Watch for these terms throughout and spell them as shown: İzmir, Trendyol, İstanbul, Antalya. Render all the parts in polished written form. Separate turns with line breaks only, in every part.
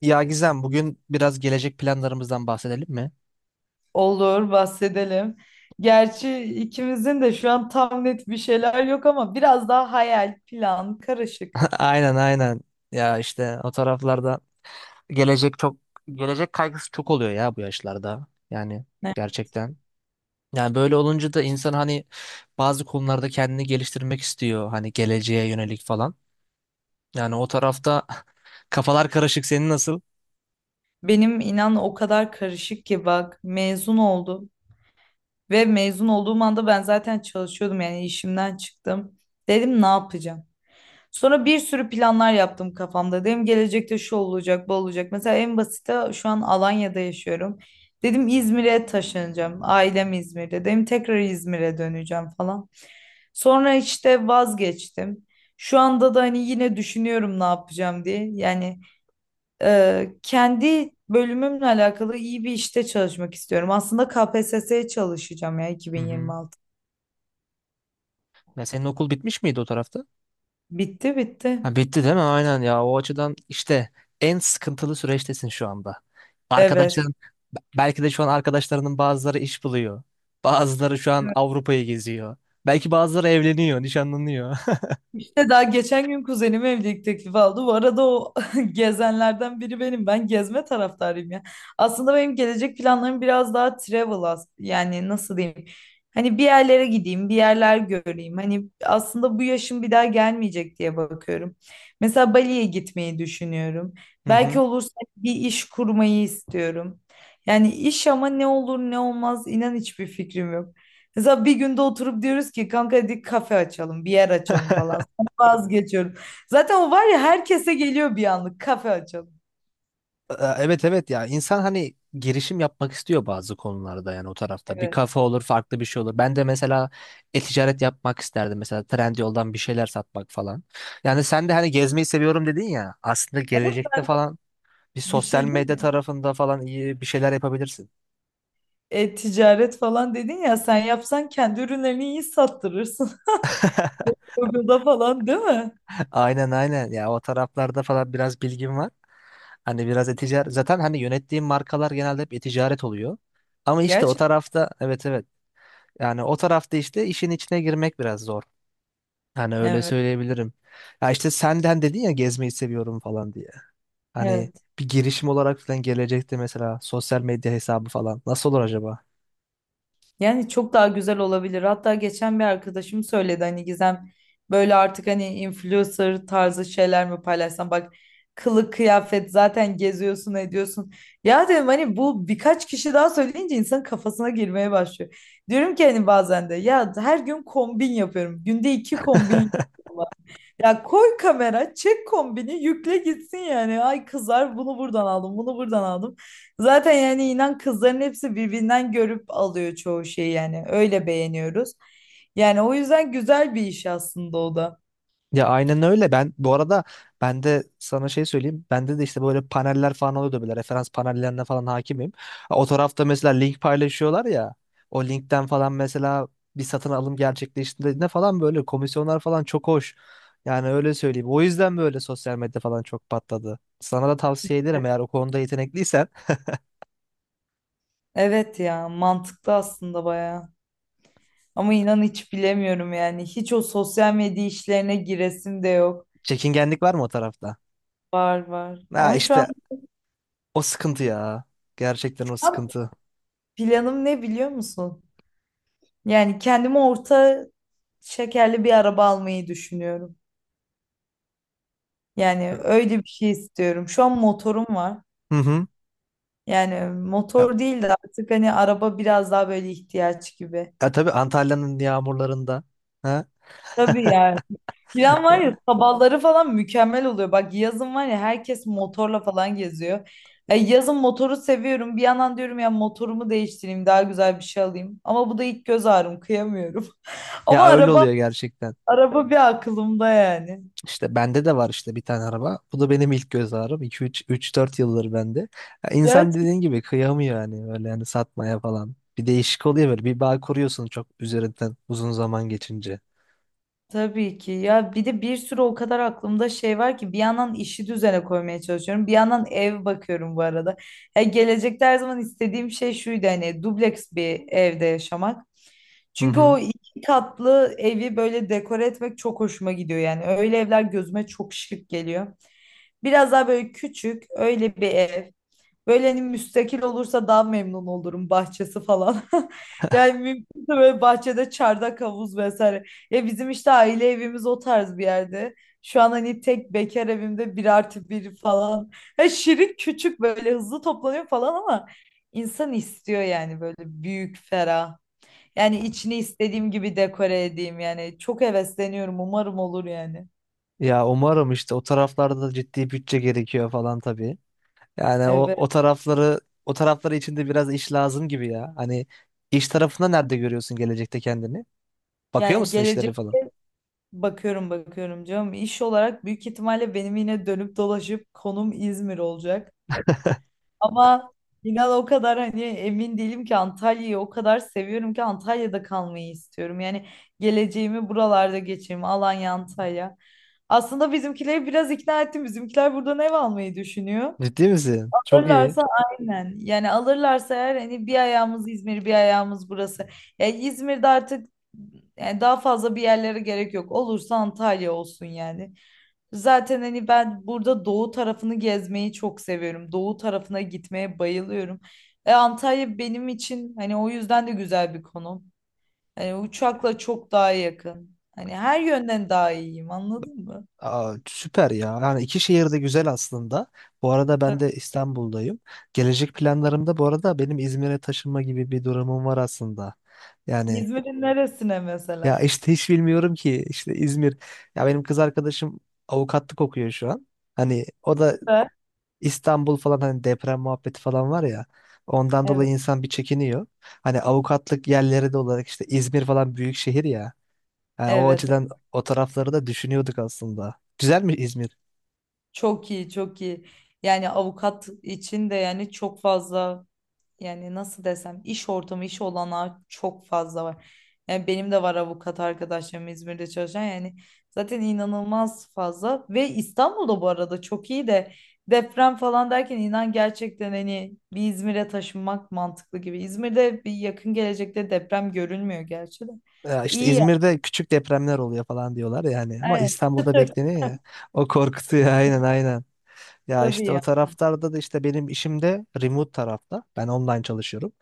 Ya Gizem bugün biraz gelecek planlarımızdan bahsedelim mi?
Olur, bahsedelim. Gerçi ikimizin de şu an tam net bir şeyler yok ama biraz daha hayal, plan, karışık.
Aynen, aynen. Ya işte o taraflarda gelecek çok gelecek kaygısı çok oluyor ya bu yaşlarda. Yani
Ne?
gerçekten. Yani böyle olunca da insan hani bazı konularda kendini geliştirmek istiyor, hani geleceğe yönelik falan. Yani o tarafta kafalar karışık. Senin nasıl?
Benim inan o kadar karışık ki bak mezun oldum ve mezun olduğum anda ben zaten çalışıyordum yani işimden çıktım. Dedim ne yapacağım? Sonra bir sürü planlar yaptım kafamda. Dedim gelecekte şu olacak, bu olacak. Mesela en basite şu an Alanya'da yaşıyorum. Dedim İzmir'e taşınacağım. Ailem İzmir'de. Dedim tekrar İzmir'e döneceğim falan. Sonra işte vazgeçtim. Şu anda da hani yine düşünüyorum ne yapacağım diye. Yani kendi bölümümle alakalı iyi bir işte çalışmak istiyorum. Aslında KPSS'ye çalışacağım ya
Hı hı.
2026.
Ya senin okul bitmiş miydi o tarafta?
Bitti bitti.
Ha, bitti değil mi? Aynen ya. O açıdan işte en sıkıntılı süreçtesin şu anda.
Evet.
Arkadaşların belki de şu an arkadaşlarının bazıları iş buluyor. Bazıları şu an Avrupa'yı geziyor. Belki bazıları evleniyor, nişanlanıyor.
İşte daha geçen gün kuzenim evlilik teklifi aldı. Bu arada o gezenlerden biri benim. Ben gezme taraftarıyım ya. Aslında benim gelecek planlarım biraz daha yani nasıl diyeyim? Hani bir yerlere gideyim, bir yerler göreyim. Hani aslında bu yaşım bir daha gelmeyecek diye bakıyorum. Mesela Bali'ye gitmeyi düşünüyorum.
Hı
Belki
hı.
olursa bir iş kurmayı istiyorum. Yani iş ama ne olur ne olmaz inan hiçbir fikrim yok. Mesela bir günde oturup diyoruz ki kanka hadi kafe açalım, bir yer açalım falan. Vazgeçiyorum. Zaten o var ya herkese geliyor bir anlık kafe açalım.
Evet, evet ya, insan hani girişim yapmak istiyor bazı konularda, yani o tarafta. Bir
Evet.
kafe olur, farklı bir şey olur. Ben de mesela e-ticaret yapmak isterdim. Mesela Trendyol'dan bir şeyler satmak falan. Yani sen de hani gezmeyi seviyorum dedin ya. Aslında
Ama
gelecekte
sen
falan bir
bir
sosyal
şey değil
medya
mi?
tarafında falan iyi bir şeyler yapabilirsin.
E-ticaret falan dedin ya sen yapsan kendi ürünlerini iyi sattırırsın. Google'da falan değil mi?
Aynen aynen ya, o taraflarda falan biraz bilgim var. Hani biraz e-ticaret, zaten hani yönettiğim markalar genelde hep e-ticaret oluyor. Ama işte o
Gerçekten
tarafta, evet, evet. Yani o tarafta işte işin içine girmek biraz zor. Hani öyle
evet.
söyleyebilirim. Ya işte senden dedin ya gezmeyi seviyorum falan diye. Hani
Evet.
bir girişim olarak falan gelecekti mesela, sosyal medya hesabı falan. Nasıl olur acaba?
Yani çok daha güzel olabilir. Hatta geçen bir arkadaşım söyledi hani Gizem böyle artık hani influencer tarzı şeyler mi paylaşsam bak kılık kıyafet zaten geziyorsun ediyorsun. Ya dedim hani bu birkaç kişi daha söyleyince insanın kafasına girmeye başlıyor. Diyorum ki hani bazen de ya her gün kombin yapıyorum. Günde iki kombin yapıyorum. Ya koy kamera, çek kombini, yükle gitsin yani. Ay kızlar bunu buradan aldım, bunu buradan aldım. Zaten yani inan kızların hepsi birbirinden görüp alıyor çoğu şeyi yani. Öyle beğeniyoruz. Yani o yüzden güzel bir iş aslında o da.
Ya aynen öyle. Ben bu arada ben de sana şey söyleyeyim. Bende de işte böyle paneller falan oluyordu böyle. Referans panellerine falan hakimim. O tarafta mesela link paylaşıyorlar ya. O linkten falan mesela bir satın alım gerçekleştiğinde falan böyle komisyonlar falan çok hoş. Yani öyle söyleyeyim. O yüzden böyle sosyal medya falan çok patladı. Sana da tavsiye ederim, eğer o konuda yetenekliysen.
Evet ya mantıklı aslında bayağı. Ama inan hiç bilemiyorum yani. Hiç o sosyal medya işlerine giresim de yok.
Çekingenlik var mı o tarafta?
Var var.
Ha,
Ama şu an
işte o sıkıntı ya. Gerçekten o sıkıntı.
planım ne biliyor musun? Yani kendime orta şekerli bir araba almayı düşünüyorum. Yani öyle bir şey istiyorum. Şu an motorum var.
Hı hı.
Yani
Ya,
motor değil de artık hani araba biraz daha böyle ihtiyaç gibi.
ya tabii, Antalya'nın yağmurlarında. Ha.
Tabii yani. Plan var ya
Ya,
sabahları falan mükemmel oluyor. Bak yazın var ya herkes motorla falan geziyor. E, yazın motoru seviyorum. Bir yandan diyorum ya motorumu değiştireyim daha güzel bir şey alayım. Ama bu da ilk göz ağrım kıyamıyorum.
ya
Ama
öyle
araba
oluyor gerçekten.
araba bir aklımda yani.
İşte bende de var işte bir tane araba. Bu da benim ilk göz ağrım. 2 üç, üç, dört yıldır bende. Ya, İnsan dediğin gibi kıyamıyor yani, öyle yani, satmaya falan. Bir değişik oluyor böyle. Bir bağ kuruyorsun, çok üzerinden uzun zaman geçince.
Tabii ki ya bir de bir sürü o kadar aklımda şey var ki bir yandan işi düzene koymaya çalışıyorum bir yandan ev bakıyorum bu arada. Ya gelecekte her zaman istediğim şey şuydu hani dubleks bir evde yaşamak.
Hı
Çünkü
hı.
o iki katlı evi böyle dekore etmek çok hoşuma gidiyor yani öyle evler gözüme çok şık geliyor. Biraz daha böyle küçük öyle bir ev. Böyle hani müstakil olursa daha memnun olurum bahçesi falan. Yani mümkünse böyle bahçede çardak havuz vesaire. Ya bizim işte aile evimiz o tarz bir yerde. Şu an hani tek bekar evimde bir artı bir falan. Ha, şirin küçük böyle hızlı toplanıyor falan ama insan istiyor yani böyle büyük ferah. Yani içini istediğim gibi dekore edeyim yani. Çok hevesleniyorum umarım olur yani.
Ya umarım, işte o taraflarda da ciddi bütçe gerekiyor falan tabii. Yani o
Evet.
o tarafları, içinde biraz iş lazım gibi ya. Hani iş tarafında nerede görüyorsun gelecekte kendini? Bakıyor
Yani
musun
gelecek
işlere falan?
Bakıyorum bakıyorum canım. İş olarak büyük ihtimalle benim yine dönüp dolaşıp konum İzmir olacak. Ama inan o kadar hani emin değilim ki Antalya'yı o kadar seviyorum ki Antalya'da kalmayı istiyorum. Yani geleceğimi buralarda geçireyim. Alanya, Antalya. Aslında bizimkileri biraz ikna ettim. Bizimkiler buradan ev almayı düşünüyor.
Ciddi misin? Çok iyi.
Alırlarsa aynen. Yani alırlarsa eğer hani bir ayağımız İzmir, bir ayağımız burası. Ya İzmir'de artık yani daha fazla bir yerlere gerek yok. Olursa Antalya olsun yani. Zaten hani ben burada doğu tarafını gezmeyi çok seviyorum. Doğu tarafına gitmeye bayılıyorum. E Antalya benim için hani o yüzden de güzel bir konum. Hani uçakla çok daha yakın. Hani her yönden daha iyiyim anladın mı?
Aa, süper ya. Yani iki şehir de güzel aslında. Bu arada ben
Tabii.
de İstanbul'dayım. Gelecek planlarımda bu arada benim İzmir'e taşınma gibi bir durumum var aslında. Yani,
İzmir'in neresine
ya
mesela?
işte hiç bilmiyorum ki işte İzmir. Ya benim kız arkadaşım avukatlık okuyor şu an. Hani o da
Evet.
İstanbul falan, hani deprem muhabbeti falan var ya. Ondan dolayı
Evet.
insan bir çekiniyor. Hani avukatlık yerleri de olarak işte İzmir falan büyük şehir ya. Yani o
Evet.
açıdan o tarafları da düşünüyorduk aslında. Güzel mi İzmir?
Çok iyi, çok iyi. Yani avukat için de yani çok fazla yani nasıl desem iş ortamı, iş olanağı çok fazla var. Yani benim de var avukat arkadaşlarım İzmir'de çalışan yani zaten inanılmaz fazla ve İstanbul'da bu arada çok iyi de deprem falan derken inan gerçekten hani bir İzmir'e taşınmak mantıklı gibi. İzmir'de bir yakın gelecekte deprem görünmüyor gerçi de.
Ya işte
İyi ya.
İzmir'de küçük depremler oluyor falan diyorlar yani, ama
Evet.
İstanbul'da
Çıtır
bekleniyor ya. O korkutuyor. Aynen, aynen. Ya
tabii
işte o
ya.
taraflarda da işte benim işim de remote tarafta. Ben online çalışıyorum.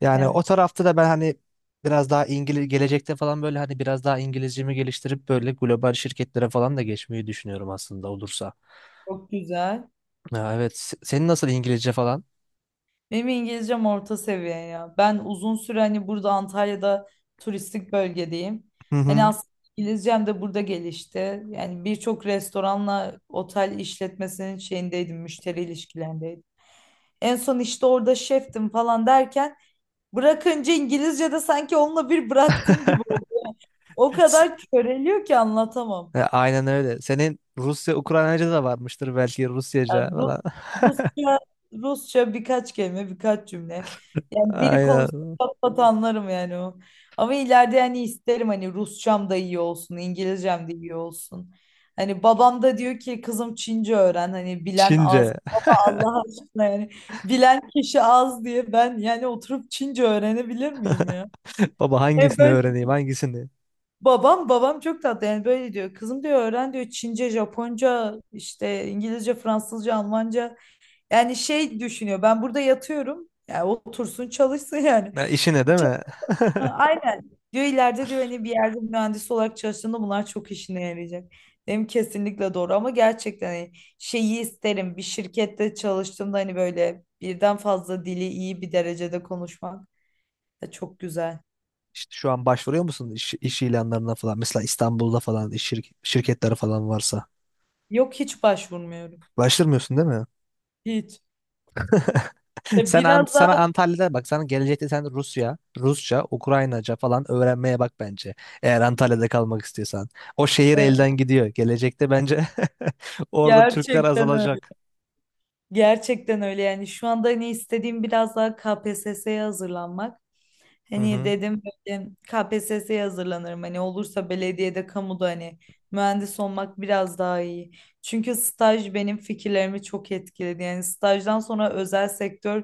Yani
Evet.
o tarafta da ben hani biraz daha İngiliz gelecekte falan, böyle hani biraz daha İngilizcemi geliştirip böyle global şirketlere falan da geçmeyi düşünüyorum aslında, olursa.
Çok güzel.
Ya evet, senin nasıl İngilizce falan?
Benim İngilizcem orta seviye ya. Ben uzun süre hani burada Antalya'da turistik bölgedeyim.
Hı
Hani
hı.
aslında İngilizcem de burada gelişti. Yani birçok restoranla otel işletmesinin şeyindeydim, müşteri ilişkilerindeydim. En son işte orada şeftim falan derken bırakınca İngilizce de sanki onunla bir bıraktım gibi oldu. O
S-
kadar köreliyor ki anlatamam.
Ya, aynen öyle. Senin Rusya, Ukraynaca da varmıştır belki, Rusyaca
Yani
falan.
Rusça, Rusça birkaç kelime, birkaç cümle. Yani biri konuşsa
Aynen.
pat pat anlarım yani o. Ama ileride yani isterim hani Rusçam da iyi olsun, İngilizcem de iyi olsun. Hani babam da diyor ki kızım Çince öğren hani bilen
Çince.
az. Allah aşkına yani bilen kişi az diye ben yani oturup Çince öğrenebilir miyim ya?
Baba,
E
hangisini
böyle
öğreneyim, hangisini?
babam çok tatlı yani böyle diyor. Kızım diyor öğren diyor Çince, Japonca, işte İngilizce, Fransızca, Almanca. Yani şey düşünüyor ben burada yatıyorum. Yani otursun çalışsın yani.
Ha, işine değil
Ç-
mi?
Ha, aynen. Diyor ileride diyor hani bir yerde mühendis olarak çalıştığında bunlar çok işine yarayacak. Dedim kesinlikle doğru ama gerçekten hani şeyi isterim. Bir şirkette çalıştığımda hani böyle birden fazla dili iyi bir derecede konuşmak da çok güzel.
İşte şu an başvuruyor musun iş, iş ilanlarına falan? Mesela İstanbul'da falan iş şirketleri falan varsa.
Yok hiç başvurmuyorum.
Başvurmuyorsun değil mi?
Hiç. Ya
Sen
biraz
sana
daha
Antalya'da bak, sana gelecekte sen Rusya, Rusça, Ukraynaca falan öğrenmeye bak bence. Eğer Antalya'da kalmak istiyorsan. O şehir
evet,
elden gidiyor. Gelecekte bence orada Türkler
gerçekten öyle.
azalacak.
Gerçekten öyle yani şu anda hani istediğim biraz daha KPSS'ye hazırlanmak.
Hı
Hani
hı.
dedim böyle KPSS'ye hazırlanırım. Hani olursa belediyede, kamuda hani mühendis olmak biraz daha iyi. Çünkü staj benim fikirlerimi çok etkiledi. Yani stajdan sonra özel sektör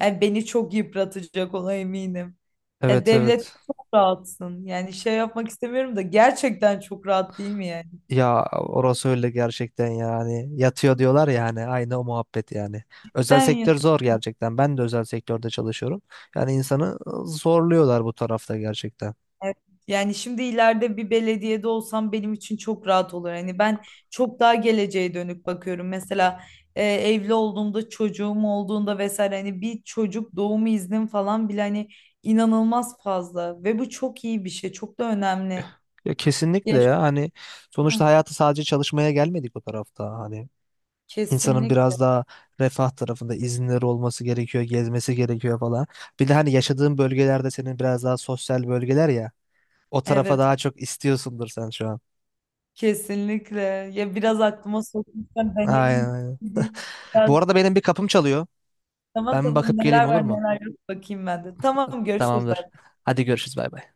yani beni çok yıpratacak ona eminim. Ya
Evet,
devlet
evet.
çok rahatsın. Yani şey yapmak istemiyorum da gerçekten çok rahat değil mi yani?
Ya orası öyle gerçekten yani. Yatıyor diyorlar ya, hani aynı o muhabbet yani. Özel
Sen ya.
sektör zor gerçekten. Ben de özel sektörde çalışıyorum. Yani insanı zorluyorlar bu tarafta gerçekten.
Evet, yani şimdi ileride bir belediyede olsam benim için çok rahat olur. Hani ben çok daha geleceğe dönük bakıyorum. Mesela evli olduğumda, çocuğum olduğunda vesaire hani bir çocuk doğumu iznim falan bile hani inanılmaz fazla ve bu çok iyi bir şey, çok da önemli.
Ya kesinlikle
Ya,
ya, hani sonuçta
hı,
hayatı sadece çalışmaya gelmedik bu tarafta. Hani insanın
kesinlikle.
biraz daha refah tarafında izinleri olması gerekiyor, gezmesi gerekiyor falan. Bir de hani yaşadığın bölgelerde senin biraz daha sosyal bölgeler ya. O tarafa
Evet,
daha çok istiyorsundur sen şu an.
kesinlikle. Ya biraz aklıma sokmuşsan ben en
Aynen, aynen.
iyisi.
Bu
Biraz,
arada benim bir kapım çalıyor.
tamam
Ben bir
tamam
bakıp geleyim,
neler
olur
var
mu?
neler yok bakayım ben de. Tamam görüşürüz. Bay
Tamamdır.
bay.
Hadi görüşürüz, bay bay.